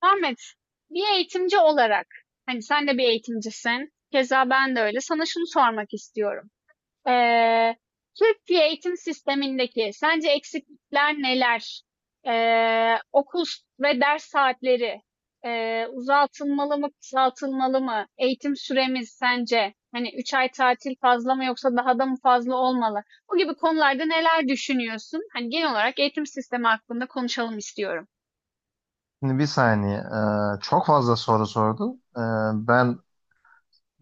Ahmet, bir eğitimci olarak, hani sen de bir eğitimcisin, keza ben de öyle. Sana şunu sormak istiyorum. Ee, Türkiye eğitim sistemindeki sence eksiklikler neler? Okul ve ders saatleri uzatılmalı mı, kısaltılmalı mı? Eğitim süremiz sence hani 3 ay tatil fazla mı yoksa daha da mı fazla olmalı? Bu gibi konularda neler düşünüyorsun? Hani genel olarak eğitim sistemi hakkında konuşalım istiyorum. Şimdi bir saniye. Çok fazla soru sordun. Ben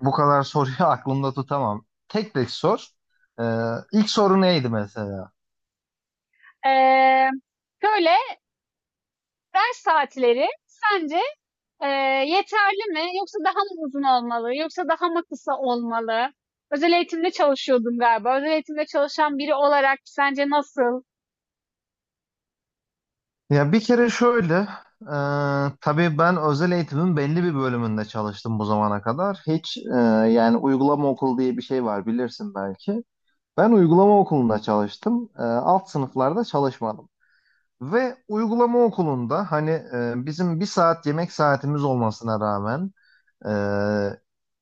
bu kadar soruyu aklımda tutamam. Tek tek sor. İlk soru neydi mesela? Ee, Şöyle, ders saatleri sence e, yeterli mi? Yoksa daha mı uzun olmalı? Yoksa daha mı kısa olmalı? Özel eğitimde çalışıyordum galiba. Özel eğitimde çalışan biri olarak sence nasıl? Ya bir kere şöyle. E, tabii ben özel eğitimin belli bir bölümünde çalıştım bu zamana kadar. Hiç yani uygulama okulu diye bir şey var bilirsin belki. Ben uygulama okulunda çalıştım. Alt sınıflarda çalışmadım. Ve uygulama okulunda hani bizim bir saat yemek saatimiz olmasına rağmen Ee,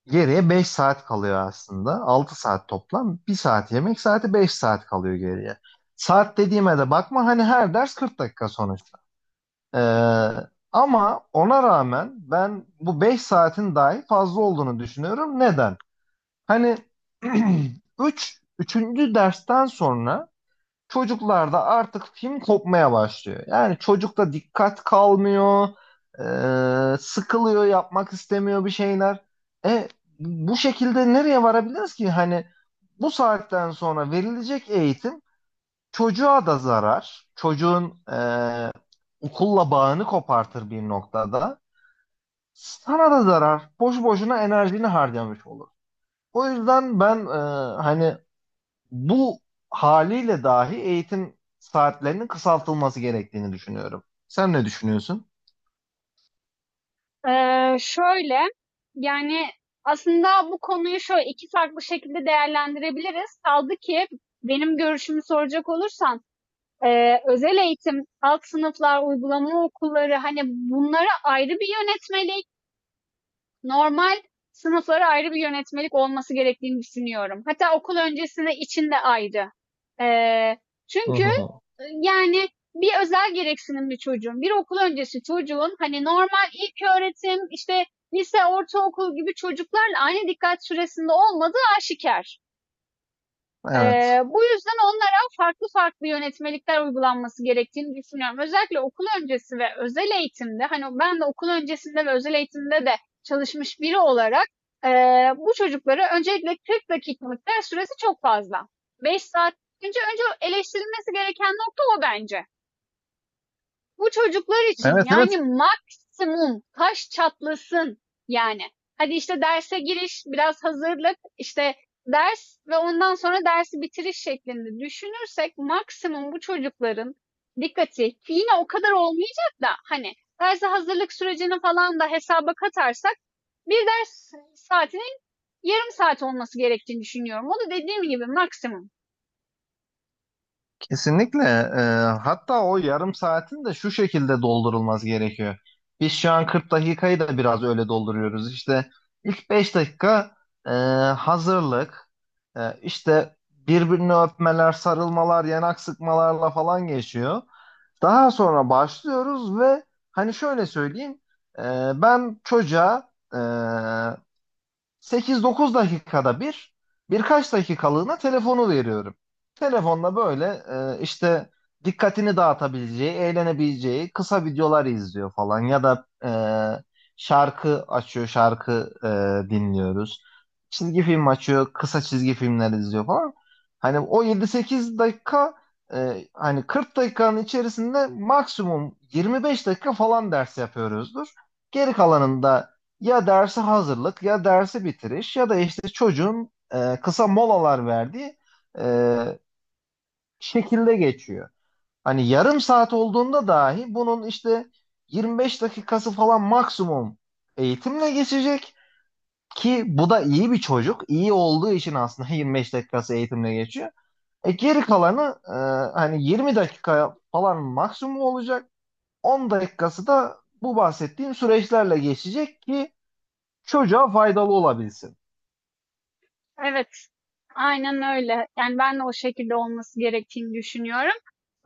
geriye 5 saat kalıyor aslında. Altı saat toplam. Bir saat yemek saati, 5 saat kalıyor geriye. Saat dediğime de bakma, hani her ders 40 dakika sonuçta. Ee, Hı Ama ona rağmen ben bu 5 saatin dahi fazla olduğunu düşünüyorum. Neden? Hani üçüncü dersten sonra çocuklarda artık film kopmaya başlıyor. Yani çocukta dikkat kalmıyor, sıkılıyor, yapmak istemiyor bir şeyler. E Bu şekilde nereye varabiliriz ki? Hani bu saatten sonra verilecek eğitim çocuğa da zarar, çocuğun okulla bağını kopartır bir noktada. Sana da zarar, boş boşuna enerjini harcamış olur. O yüzden ben, hani bu haliyle dahi eğitim saatlerinin kısaltılması gerektiğini düşünüyorum. Sen ne düşünüyorsun? hı. Şöyle, yani aslında bu konuyu şöyle iki farklı şekilde değerlendirebiliriz. Kaldı ki benim görüşümü soracak olursan özel eğitim, alt sınıflar, uygulama okulları hani bunlara ayrı bir yönetmeliği. Normal sınıflara ayrı bir yönetmelik olması gerektiğini düşünüyorum. Hatta okul öncesinde içinde ayrı. Ee, Hı çünkü hı. Yani bir özel gereksinimli çocuğun, bir okul öncesi çocuğun hani normal ilk öğretim, işte lise, ortaokul gibi çocuklarla aynı dikkat süresinde olmadığı aşikar. Evet. Bu yüzden onlara farklı farklı yönetmelikler uygulanması gerektiğini düşünüyorum. Özellikle okul öncesi ve özel eğitimde, hani ben de okul öncesinde ve özel eğitimde de çalışmış biri olarak bu çocuklara öncelikle 40 dakikalık ders süresi çok fazla. 5 saat. Önce, önce eleştirilmesi gereken nokta o bence. Bu çocuklar için Evet evet, yani maksimum kaş çatlasın yani. Hadi işte derse giriş, biraz hazırlık, işte ders ve ondan sonra dersi bitiriş şeklinde düşünürsek maksimum bu çocukların dikkati yine o kadar olmayacak da hani derse hazırlık sürecini falan da hesaba katarsak bir ders saatinin yarım saat olması gerektiğini düşünüyorum. O da dediğim gibi maksimum. kesinlikle. Hatta o yarım saatin de şu şekilde doldurulması gerekiyor. Biz şu an 40 dakikayı da biraz öyle dolduruyoruz. İşte ilk 5 dakika e, hazırlık, işte birbirini öpmeler, sarılmalar, yanak sıkmalarla falan geçiyor. Daha sonra başlıyoruz ve hani şöyle söyleyeyim, e, ben çocuğa, 8-9 dakikada bir, birkaç dakikalığına telefonu veriyorum. Telefonla böyle, işte dikkatini dağıtabileceği, eğlenebileceği kısa videolar izliyor falan ya da, şarkı açıyor, şarkı dinliyoruz. Çizgi film açıyor, kısa çizgi filmler izliyor falan. Hani o 7-8 dakika, hani 40 dakikanın içerisinde maksimum 25 dakika falan ders yapıyoruzdur. Geri kalanında ya derse hazırlık, ya dersi bitiriş, ya da işte çocuğun kısa molalar verdiği e, şekilde geçiyor. Hani yarım saat olduğunda dahi bunun işte 25 dakikası falan maksimum eğitimle geçecek ki bu da iyi bir çocuk. İyi olduğu için aslında 25 dakikası eğitimle geçiyor. Geri kalanı, hani 20 dakika falan maksimum olacak. 10 dakikası da bu bahsettiğim süreçlerle geçecek ki çocuğa faydalı olabilsin. Evet. Aynen öyle. Yani ben de o şekilde olması gerektiğini düşünüyorum.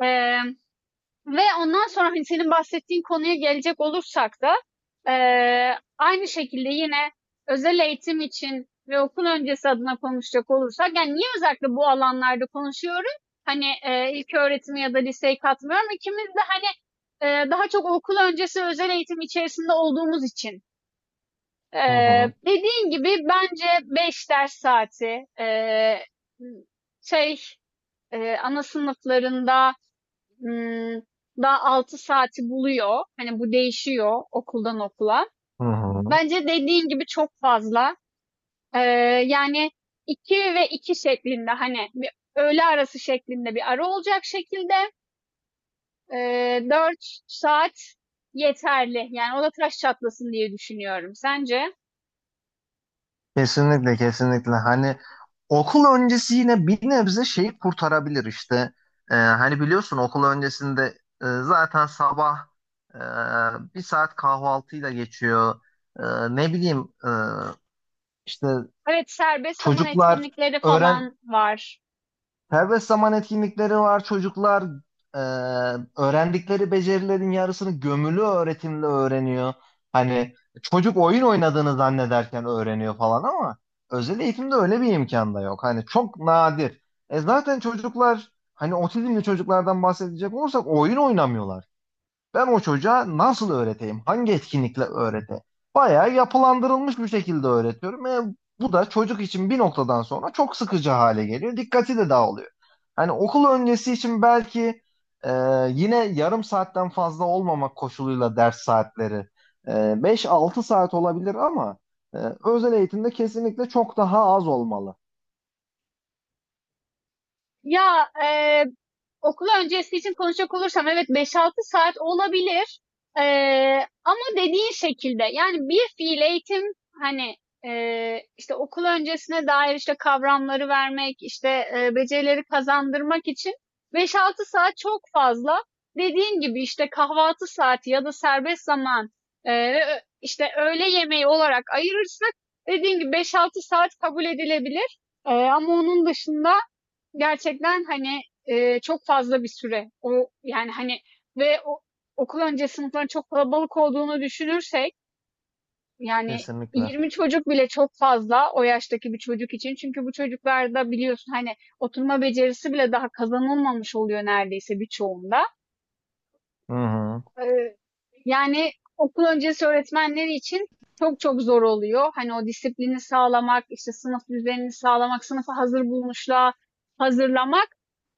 Eee, Ve ondan sonra hani senin bahsettiğin konuya gelecek olursak da aynı şekilde yine özel eğitim için ve okul öncesi adına konuşacak olursak yani niye özellikle bu alanlarda konuşuyorum? Hani ilk öğretimi ya da liseyi katmıyorum. İkimiz de daha çok okul öncesi özel eğitim içerisinde olduğumuz için. Hı hı, Dediğin gibi bence 5 ders saati şey ana sınıflarında Imm, daha 6 saati buluyor. Hani, bu değişiyor okuldan okula. hı hı. Bence dediğin gibi çok fazla. Eee, Yani 2 ve 2 şeklinde, hani, bir öğle arası şeklinde bir ara olacak şekilde, 4 saat yeterli. Yani o da taş çatlasın diye düşünüyorum. Sence? Kesinlikle, kesinlikle. Hani okul öncesi yine bir nebze şeyi kurtarabilir işte. Hani biliyorsun okul öncesinde, zaten sabah bir saat kahvaltıyla geçiyor. Ne bileyim, işte Evet, serbest zaman çocuklar etkinlikleri öğren falan var. serbest zaman etkinlikleri var. Çocuklar, e, öğrendikleri becerilerin yarısını gömülü öğretimle öğreniyor. Hani çocuk oyun oynadığını zannederken öğreniyor falan, ama özel eğitimde öyle bir imkan da yok. Hani çok nadir. Zaten çocuklar, hani otizmli çocuklardan bahsedecek olursak, oyun oynamıyorlar. Ben o çocuğa nasıl öğreteyim? Hangi etkinlikle öğreteyim? Bayağı yapılandırılmış bir şekilde öğretiyorum. Bu da çocuk için bir noktadan sonra çok sıkıcı hale geliyor. Dikkati de dağılıyor. Hani okul öncesi için belki, e, yine yarım saatten fazla olmamak koşuluyla ders saatleri e, 5-6 saat olabilir, ama e, özel eğitimde kesinlikle çok daha az olmalı. Ya, eee, okul öncesi için konuşacak olursam evet 5-6 saat olabilir. Ama dediğin şekilde yani bir fiil eğitim hani, işte okul öncesine dair işte kavramları vermek, işte, becerileri kazandırmak için 5-6 saat çok fazla. Dediğin gibi işte kahvaltı saati ya da serbest zaman, ve işte öğle yemeği olarak ayırırsak dediğin gibi 5-6 saat kabul edilebilir. Ama onun dışında gerçekten hani, çok fazla bir süre. O yani, hani ve o okul öncesi sınıfların çok kalabalık olduğunu düşünürsek, yani Kesinlikle. 20 çocuk bile çok fazla o yaştaki bir çocuk için. Çünkü bu çocuklarda biliyorsun, hani, oturma becerisi bile daha kazanılmamış oluyor neredeyse birçoğunda. Hı hı. Eee, Yani okul öncesi öğretmenleri için çok çok zor oluyor. Hani o disiplini sağlamak, işte sınıf düzenini sağlamak, sınıfa hazır bulmuşluğa hazırlamak.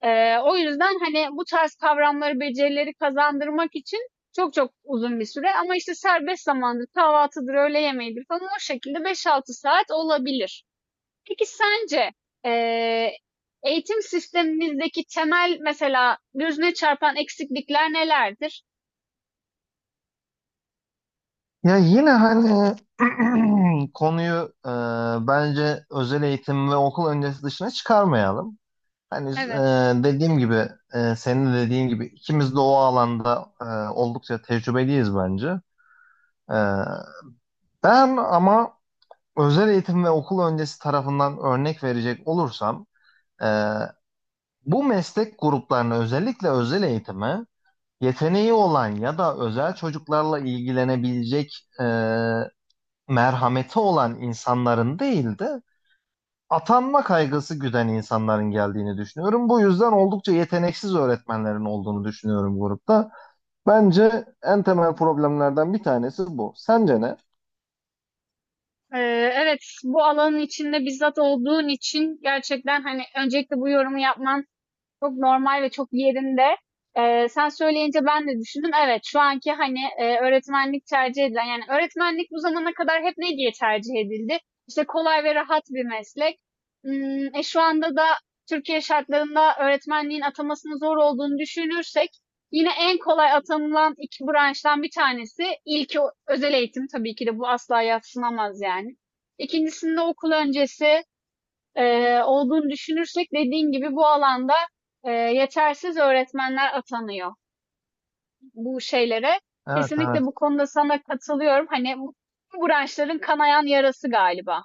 O yüzden hani bu tarz kavramları, becerileri kazandırmak için çok çok uzun bir süre. Ama işte serbest zamandır, kahvaltıdır, öğle yemeğidir falan o şekilde 5-6 saat olabilir. Peki sence eee, eğitim sistemimizdeki temel mesela gözüne çarpan eksiklikler nelerdir? Ya yine hani konuyu, bence özel eğitim ve okul öncesi dışına çıkarmayalım. Hani Evet. dediğim gibi, senin de dediğin gibi, ikimiz de o alanda oldukça tecrübeliyiz bence. E, Ben ama özel eğitim ve okul öncesi tarafından örnek verecek olursam, e, bu meslek gruplarına, özellikle özel eğitime, yeteneği olan ya da özel çocuklarla ilgilenebilecek, merhameti olan insanların değil de, atanma kaygısı güden insanların geldiğini düşünüyorum. Bu yüzden oldukça yeteneksiz öğretmenlerin olduğunu düşünüyorum grupta. Bence en temel problemlerden bir tanesi bu. Sence ne? Evet, bu alanın içinde bizzat olduğun için gerçekten, hani, öncelikle bu yorumu yapman çok normal ve çok yerinde. Sen söyleyince ben de düşündüm. Evet, şu anki hani öğretmenlik tercih edilen, yani öğretmenlik bu zamana kadar hep ne diye tercih edildi? İşte kolay ve rahat bir meslek. Şu anda da Türkiye şartlarında öğretmenliğin atamasının zor olduğunu düşünürsek, yine en kolay atanılan iki branştan bir tanesi ilki özel eğitim tabii ki de bu asla yadsınamaz yani. İkincisinde okul öncesi e, olduğunu düşünürsek dediğin gibi bu alanda yetersiz öğretmenler atanıyor bu şeylere. Evet Kesinlikle evet. bu konuda sana katılıyorum. Hani bu branşların kanayan yarası galiba.